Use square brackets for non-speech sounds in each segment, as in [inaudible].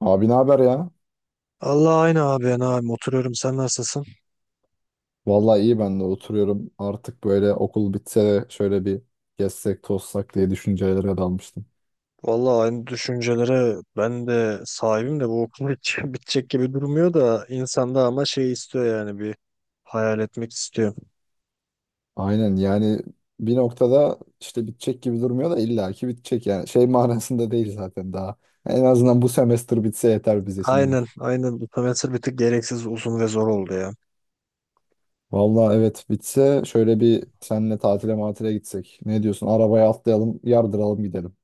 Abi ne haber ya? Allah aynı abi ben abi oturuyorum sen nasılsın? Vallahi iyi ben de oturuyorum. Artık böyle okul bitse de şöyle bir gezsek tozsak diye düşüncelere dalmıştım. Vallahi aynı düşüncelere ben de sahibim de bu okul hiç [laughs] bitecek gibi durmuyor da insanda ama şey istiyor yani bir hayal etmek istiyor. Aynen yani bir noktada işte bitecek gibi durmuyor da illaki bitecek yani. Şey [laughs] manasında değil zaten daha. En azından bu semester bitse yeter bize şimdi. Aynen aynen bu semestr bir tık gereksiz uzun ve zor oldu ya. Vallahi evet bitse şöyle bir seninle tatile matile gitsek. Ne diyorsun? Arabaya atlayalım, yardıralım gidelim.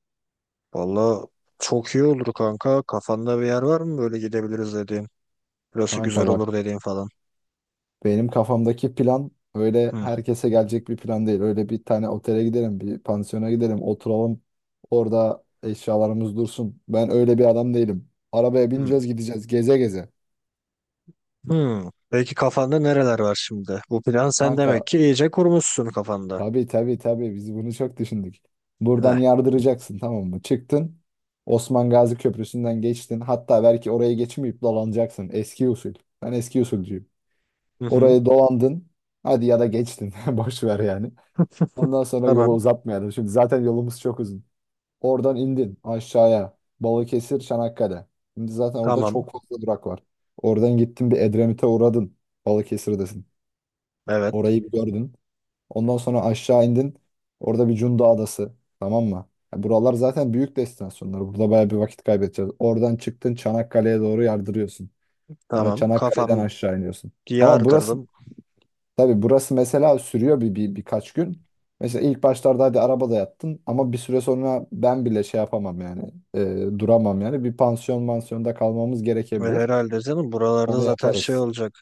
Vallahi çok iyi olur kanka, kafanda bir yer var mı böyle gidebiliriz dediğin? Burası Kanka güzel bak, olur dediğin falan. benim kafamdaki plan öyle Hı, herkese gelecek bir plan değil. Öyle bir tane otele gidelim, bir pansiyona gidelim, oturalım. Orada eşyalarımız dursun. Ben öyle bir adam değilim. Arabaya hı, bineceğiz, gideceğiz geze geze. hı. Peki kafanda nereler var şimdi? Bu plan sen Kanka demek ki iyice kurmuşsun kafanda. tabii biz bunu çok düşündük. Heh. Buradan yardıracaksın, tamam mı? Çıktın. Osman Gazi Köprüsü'nden geçtin. Hatta belki orayı geçmeyip dolanacaksın. Eski usul. Ben eski usulcuyum. Hı hı. Orayı dolandın. Hadi ya da geçtin. [laughs] Boş ver yani. Ondan sonra yolu Tamam. uzatmayalım. Şimdi zaten yolumuz çok uzun. Oradan indin aşağıya. Balıkesir, Çanakkale. Şimdi zaten orada Tamam. çok fazla durak var. Oradan gittin bir Edremit'e uğradın. Balıkesir'desin. Evet Orayı bir gördün. Ondan sonra aşağı indin. Orada bir Cunda Adası. Tamam mı? Ya buralar zaten büyük destinasyonlar. Burada bayağı bir vakit kaybedeceğiz. Oradan çıktın Çanakkale'ye doğru yardırıyorsun. Sonra tamam, Çanakkale'den kafam aşağı iniyorsun. Ama burası, diyardırdım tabii burası mesela sürüyor bir birkaç gün. Mesela ilk başlarda hadi arabada yattın ama bir süre sonra ben bile şey yapamam yani duramam yani bir pansiyon mansiyonda kalmamız ve gerekebilir. herhalde canım buralarda Onu zaten şey yaparız. olacak.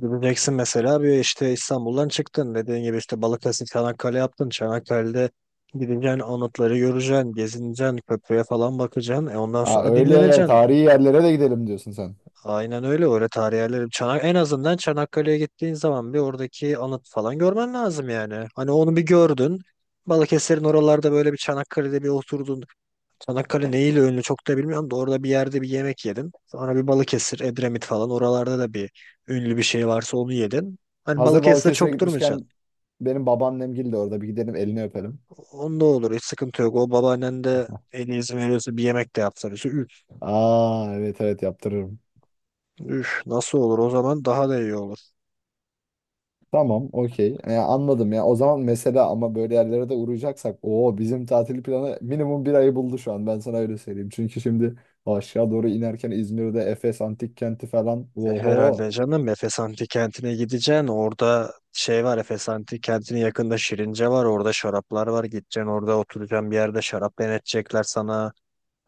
Gideceksin mesela bir işte İstanbul'dan çıktın dediğin gibi işte Balıkesir Çanakkale yaptın. Çanakkale'de gideceksin anıtları göreceksin, gezineceksin, köprüye falan bakacaksın. E ondan Ha, sonra öyle dinleneceksin. tarihi yerlere de gidelim diyorsun sen. Aynen öyle öyle tarih yerleri. En azından Çanakkale'ye gittiğin zaman bir oradaki anıt falan görmen lazım yani. Hani onu bir gördün. Balıkesir'in oralarda böyle bir Çanakkale'de bir oturdun. Çanakkale neyle ünlü çok da bilmiyorum da orada bir yerde bir yemek yedim. Sonra bir Balıkesir, Edremit falan oralarda da bir ünlü bir şey varsa onu yedin. Hani Hazır Balıkesir'de Balıkesir'e çok gitmişken durmayacaksın. benim babaannemgil de orada, bir gidelim elini öpelim. Onda olur, hiç sıkıntı yok. O babaannen de [laughs] eli izin veriyorsa bir yemek de yapsa bize. Üf, Aa, evet evet, yaptırırım. üf, nasıl olur, o zaman daha da iyi olur. Tamam, okey. Anladım ya. O zaman mesela ama böyle yerlere de uğrayacaksak o bizim tatil planı minimum bir ayı buldu şu an. Ben sana öyle söyleyeyim. Çünkü şimdi aşağı doğru inerken İzmir'de Efes Antik Kenti falan. E, Oho. herhalde canım Efes Antik Kenti'ne gideceksin. Orada şey var, Efes Antik Kenti'nin yakında Şirince var. Orada şaraplar var. Gideceksin orada oturacaksın bir yerde, şarap denetecekler sana.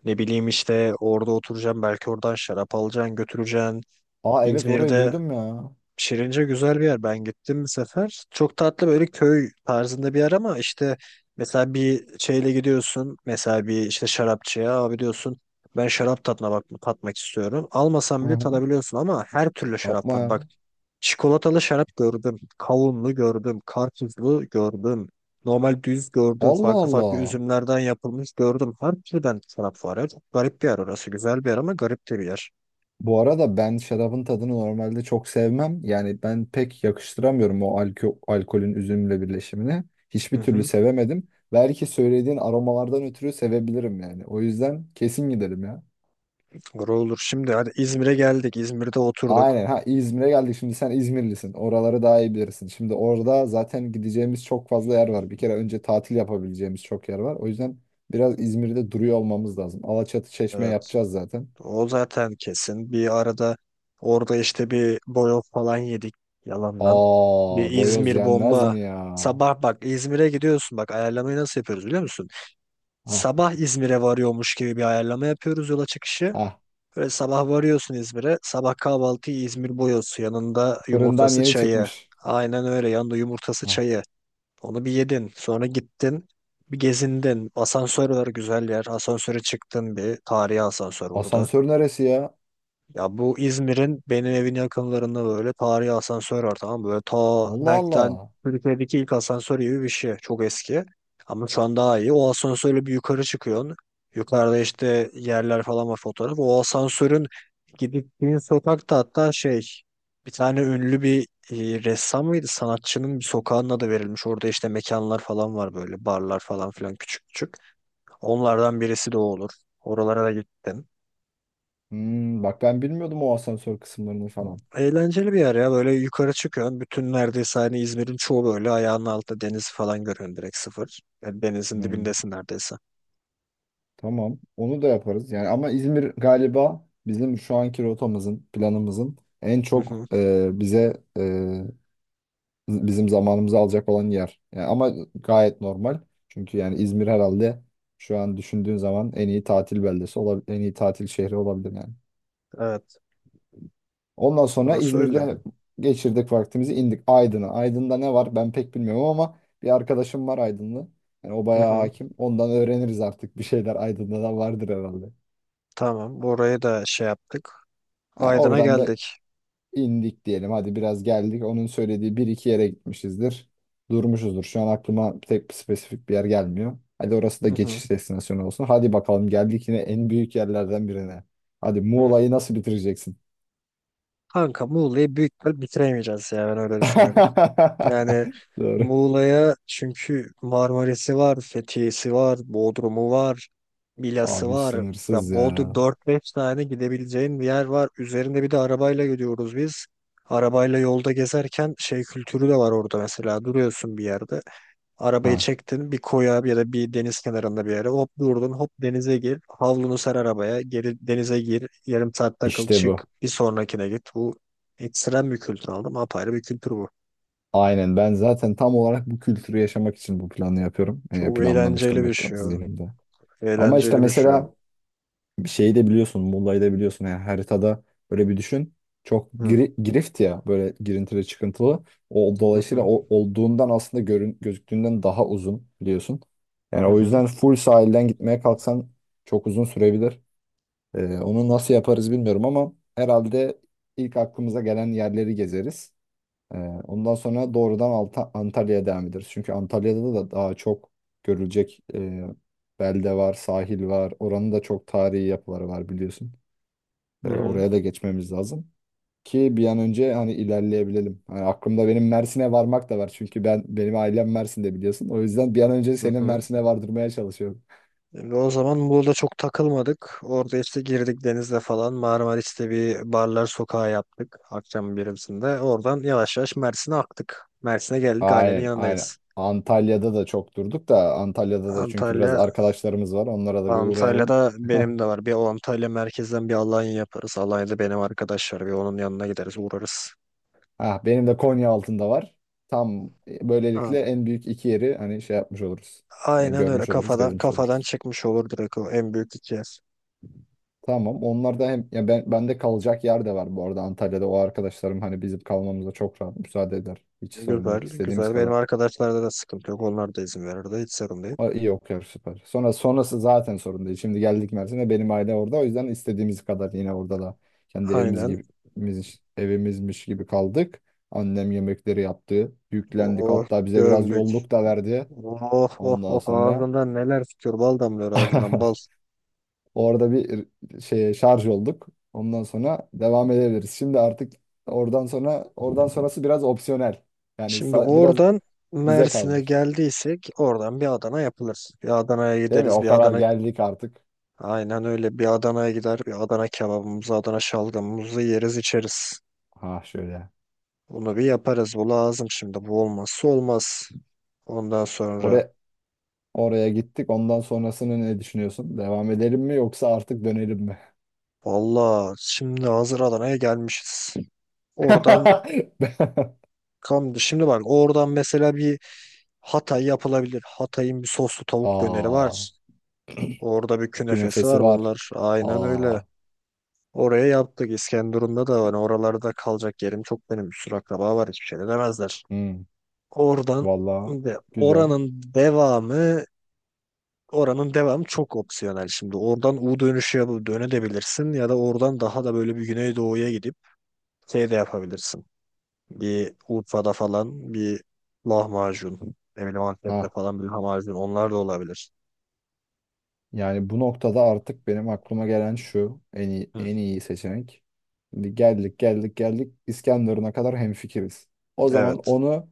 Ne bileyim işte orada oturacağım, belki oradan şarap alacaksın götüreceksin. Aa, evet, orayı İzmir'de duydum ya. Şirince güzel bir yer. Ben gittim bir sefer. Çok tatlı böyle köy tarzında bir yer ama işte mesela bir şeyle gidiyorsun. Mesela bir işte şarapçıya abi diyorsun. Ben şarap tadına bak tatmak istiyorum. Almasam Hı bile hı. tadabiliyorsun ama her türlü şarap Yapma var. ya. Bak, çikolatalı şarap gördüm. Kavunlu gördüm. Karpuzlu gördüm. Normal düz gördüm. Allah Farklı farklı Allah. üzümlerden yapılmış gördüm. Her türden şarap var ya. Çok garip bir yer orası. Güzel bir yer ama garip de bir yer. Bu arada ben şarabın tadını normalde çok sevmem. Yani ben pek yakıştıramıyorum o alkolün üzümle birleşimini. Hı Hiçbir türlü hı. sevemedim. Belki söylediğin aromalardan ötürü sevebilirim yani. O yüzden kesin gidelim ya. Doğru olur. Şimdi hadi İzmir'e geldik. İzmir'de oturduk. Aynen, ha, İzmir'e geldik, şimdi sen İzmirlisin, oraları daha iyi bilirsin. Şimdi orada zaten gideceğimiz çok fazla yer var. Bir kere önce tatil yapabileceğimiz çok yer var. O yüzden biraz İzmir'de duruyor olmamız lazım. Alaçatı Çeşme Evet. yapacağız zaten. O zaten kesin. Bir arada orada işte bir boyoz falan yedik yalandan. Aa, Bir boyoz İzmir yenmez bomba. mi ya? Sabah bak İzmir'e gidiyorsun. Bak ayarlamayı nasıl yapıyoruz biliyor musun? Ha Sabah İzmir'e varıyormuş gibi bir ayarlama yapıyoruz yola çıkışı. ha, Böyle sabah varıyorsun İzmir'e. Sabah kahvaltıyı İzmir boyozu, yanında fırından yumurtası yeni çayı. çıkmış. Aynen öyle, yanında yumurtası Ha. çayı. Onu bir yedin. Sonra gittin. Bir gezindin. Asansör var, güzel yer. Asansöre çıktın bir. Tarihi asansör burada. Asansör neresi ya? Ya bu İzmir'in benim evin yakınlarında böyle tarihi asansör var, tamam mı? Böyle Allah belki de Allah. Türkiye'deki ilk asansör gibi bir şey. Çok eski. Ama şu an daha iyi. O asansörle bir yukarı çıkıyorsun. Yukarıda işte yerler falan var, fotoğraf. O asansörün gittiğin sokakta hatta şey, bir tane ünlü bir ressam mıydı? Sanatçının bir sokağının adı verilmiş. Orada işte mekanlar falan var, böyle barlar falan filan küçük küçük. Onlardan birisi de o olur. Oralara da gittim. Hmm, bak, ben bilmiyordum o asansör kısımlarını falan. Eğlenceli bir yer ya. Böyle yukarı çıkıyorsun. Bütün neredeyse hani İzmir'in çoğu böyle ayağının altında, deniz falan görüyorsun direkt sıfır. Yani denizin Hmm. dibindesin neredeyse. Tamam. Onu da yaparız. Yani ama İzmir galiba bizim şu anki rotamızın, planımızın en Hı çok hı. Bize bizim zamanımızı alacak olan yer. Yani ama gayet normal. Çünkü yani İzmir herhalde şu an düşündüğün zaman en iyi tatil beldesi olabilir, en iyi tatil şehri olabilir yani. Evet. Ondan sonra Burası öyle. İzmir'de geçirdik vaktimizi, indik Aydın'a. Aydın'da ne var ben pek bilmiyorum ama bir arkadaşım var Aydınlı. Yani o Hı bayağı hı. hakim. Ondan öğreniriz artık bir şeyler, Aydın'da da vardır herhalde. Tamam. Orayı da şey yaptık. Yani Aydın'a oradan da geldik. indik diyelim. Hadi biraz geldik. Onun söylediği bir iki yere gitmişizdir. Durmuşuzdur. Şu an aklıma tek bir spesifik bir yer gelmiyor. Hadi orası da Hı hı. geçiş destinasyonu olsun. Hadi bakalım, geldik yine en büyük yerlerden birine. Hadi Hı. Muğla'yı nasıl bitireceksin? Kanka Muğla'yı büyük ihtimal bitiremeyeceğiz ya, ben öyle düşünüyorum. Yani [laughs] Doğru. Muğla'ya çünkü Marmaris'i var, Fethiye'si var, Bodrum'u var, Milas'ı Abi var. Ya sınırsız Bodrum ya. dört beş tane gidebileceğin bir yer var. Üzerinde bir de arabayla gidiyoruz biz. Arabayla yolda gezerken şey kültürü de var orada mesela. Duruyorsun bir yerde. Arabayı Ha, çektin bir koya ya da bir deniz kenarında bir yere. Hop durdun hop denize gir. Havlunu ser arabaya. Geri denize gir. Yarım saat takıl işte çık. bu. Bir sonrakine git. Bu ekstrem bir kültür aldım. Apayrı bir kültür bu. Aynen, ben zaten tam olarak bu kültürü yaşamak için bu planı yapıyorum. Yani Çok eğlenceli planlamıştım bir hep şey o. zihnimde. Ama işte Eğlenceli bir şey o. mesela bir şeyi de biliyorsun. Muğla'yı da biliyorsun. Yani haritada böyle bir düşün. Çok Hı girift ya, böyle girintili çıkıntılı. Hı, Dolayısıyla hı olduğundan aslında gözüktüğünden daha uzun biliyorsun. Yani hı. o Hı. yüzden full sahilden gitmeye kalksan çok uzun sürebilir. Onu nasıl yaparız bilmiyorum ama herhalde ilk aklımıza gelen yerleri gezeriz. Ee, ondan sonra doğrudan Antalya'ya devam ederiz. Çünkü Antalya'da da daha çok görülecek belde var, sahil var. Oranın da çok tarihi yapıları var biliyorsun. Hı hı. Oraya da geçmemiz lazım ki bir an önce hani ilerleyebilelim. Hani aklımda benim Mersin'e varmak da var. Çünkü benim ailem Mersin'de biliyorsun. O yüzden bir an önce Hı senin hı. Mersin'e vardırmaya çalışıyorum. Şimdi o zaman burada çok takılmadık. Orada işte girdik denizde falan. Marmaris'te bir barlar sokağı yaptık. Akşam birimsinde. Oradan yavaş yavaş Mersin'e aktık. Mersin'e geldik, ailenin Aynen, aynen. yanındayız. Antalya'da da çok durduk da Antalya'da da çünkü biraz Antalya, arkadaşlarımız var. Onlara da bir uğrayalım. Antalya'da [laughs] benim de var. Bir o Antalya merkezden bir Alanya yaparız. Alanya'da benim arkadaş var. Bir onun yanına gideriz, uğrarız. Ah, benim de Konya altında var. Tam A- böylelikle en büyük iki yeri hani şey yapmış oluruz. Yani Aynen öyle, görmüş oluruz, kafadan gezmiş kafadan oluruz. çıkmış olur direkt o en büyük iki yer. Tamam. Onlar da hem ya ben, bende kalacak yer de var bu arada Antalya'da. O arkadaşlarım hani bizim kalmamıza çok rahat müsaade eder. Hiç sorun Güzel, yok, istediğimiz güzel. Benim kadar. arkadaşlarda da sıkıntı yok. Onlar da izin verirdi. Hiç sorun değil. O iyi okuyor, süper. Sonra sonrası zaten sorun değil. Şimdi geldik Mersin'e, benim aile orada. O yüzden istediğimiz kadar yine orada da kendi evimiz Aynen. gibi, evimizmiş gibi kaldık. Annem yemekleri yaptı. Yüklendik. Oh, Hatta bize biraz gömdük. yolluk da verdi. Oh, oh, Ondan oh. sonra Ağzından neler tutuyor. Bal damlıyor ağzından, bal. [laughs] orada bir şarj olduk. Ondan sonra devam edebiliriz. Şimdi artık oradan sonrası biraz opsiyonel. Yani Şimdi biraz oradan bize Mersin'e kalmış. geldiysek oradan bir Adana yapılır. Bir Adana'ya Değil mi? gideriz. O Bir kadar Adana geldik artık. Aynen öyle. Bir Adana'ya gider, bir Adana kebabımızı, Adana şalgamımızı yeriz, içeriz. Ha şöyle. Bunu bir yaparız. Bu lazım şimdi. Bu olmazsa olmaz. Ondan sonra Oraya oraya gittik. Ondan sonrasını ne düşünüyorsun? Devam edelim mi yoksa artık dönelim mi? valla şimdi hazır Adana'ya gelmişiz. Oradan [laughs] şimdi bak, oradan mesela bir Hatay yapılabilir. Hatay'ın bir soslu tavuk döneri Aa, var. Orada bir künefesi künefesi var var. bunlar. Aynen öyle. Aa, Oraya yaptık. İskenderun'da da var. Oralarda kalacak yerim çok benim. Bir sürü akraba var. Hiçbir şey de demezler. hmm, Oradan vallahi ve güzel. Oranın devamı çok opsiyonel şimdi. Oradan U dönüşü yapıp dönebilirsin ya da oradan daha da böyle bir Güneydoğu'ya gidip şey de yapabilirsin. Bir Urfa'da falan bir lahmacun. Ne bileyim Antep'te Ha. falan bir lahmacun. Onlar da olabilir. Yani bu noktada artık benim aklıma gelen şu en iyi, Hı. en iyi seçenek. Şimdi geldik İskenderun'a kadar hemfikiriz. O zaman Evet. onu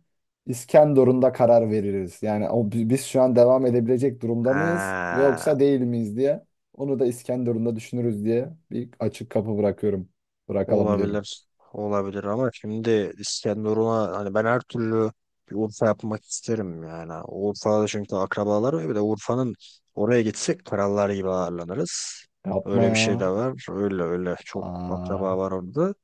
İskenderun'da karar veririz. Yani biz şu an devam edebilecek durumda mıyız Ha. yoksa değil miyiz diye. Onu da İskenderun'da düşünürüz diye bir açık kapı bırakıyorum. Bırakalım diyorum. Olabilir. Olabilir ama şimdi İskenderun'a hani ben her türlü bir Urfa yapmak isterim yani. Urfa'da çünkü akrabalar var. Bir de Urfa'nın oraya gitsek krallar gibi ağırlanırız. Yapma Öyle bir ya. şey de var. Öyle öyle çok akraba Aa, var orada.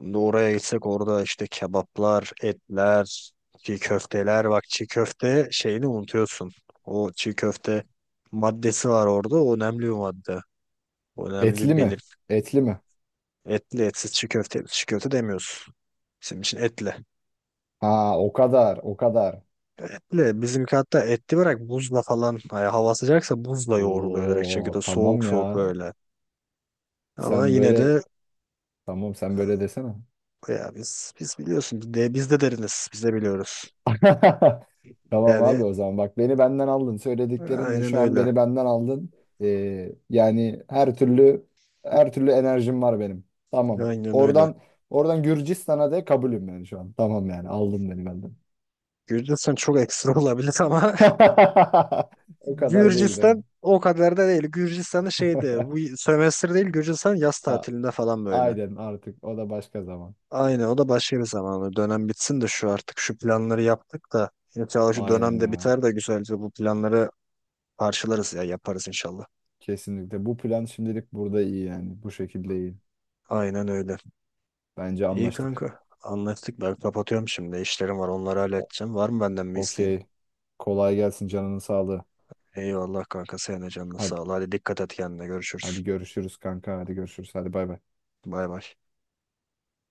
Şimdi oraya gitsek orada işte kebaplar, etler, çiğ köfteler. Bak çiğ köfte şeyini unutuyorsun. O çiğ köfte maddesi var orada. O önemli bir madde. O etli Önemli bir mi? Etli mi? Etli, etsiz çiğ köfte, etsiz çiğ köfte demiyoruz. Bizim için etli. Ha, o kadar o kadar. Etli bizimki, hatta etli bırak buzla falan, hani hava sıcaksa buzla yoğruluyor direkt çiğ Oo, köfte, tamam soğuk ya. soğuk böyle. Ama Sen yine böyle, de tamam sen böyle desene. ya biz biliyorsun biz de deriniz, biz de biliyoruz. [laughs] Tamam Yani abi, o zaman bak, beni benden aldın söylediklerinle, aynen şu an öyle. beni benden aldın. Yani her türlü enerjim var benim. Tamam. Aynen öyle. Oradan Gürcistan'a de kabulüm yani şu an. Tamam yani aldın beni benden. Gürcistan çok ekstra olabilir ama [laughs] [laughs] O kadar değil değil mi? Gürcistan o kadar da değil. Gürcistan'da şeydi, [laughs] bu sömestr değil, Gürcistan yaz A- tatilinde falan böyle. Aynen, artık o da başka zaman. Aynen, o da başka bir zaman. Dönem bitsin de şu, artık şu planları yaptık da inşallah şu Aynen dönemde ya. biter de güzelce bu planları parçalarız ya, yaparız inşallah. Kesinlikle bu plan şimdilik burada iyi yani. Bu şekilde iyi. Aynen öyle. Bence İyi anlaştık. kanka. Anlaştık, ben kapatıyorum şimdi. İşlerim var, onları O- halledeceğim. Var mı benden bir isteğin? Okey. Kolay gelsin, canının sağlığı. Eyvallah kanka, senin de canına Hadi, sağ ol. Hadi dikkat et kendine, görüşürüz. hadi görüşürüz kanka. Hadi görüşürüz. Hadi bay bay. Bay bay.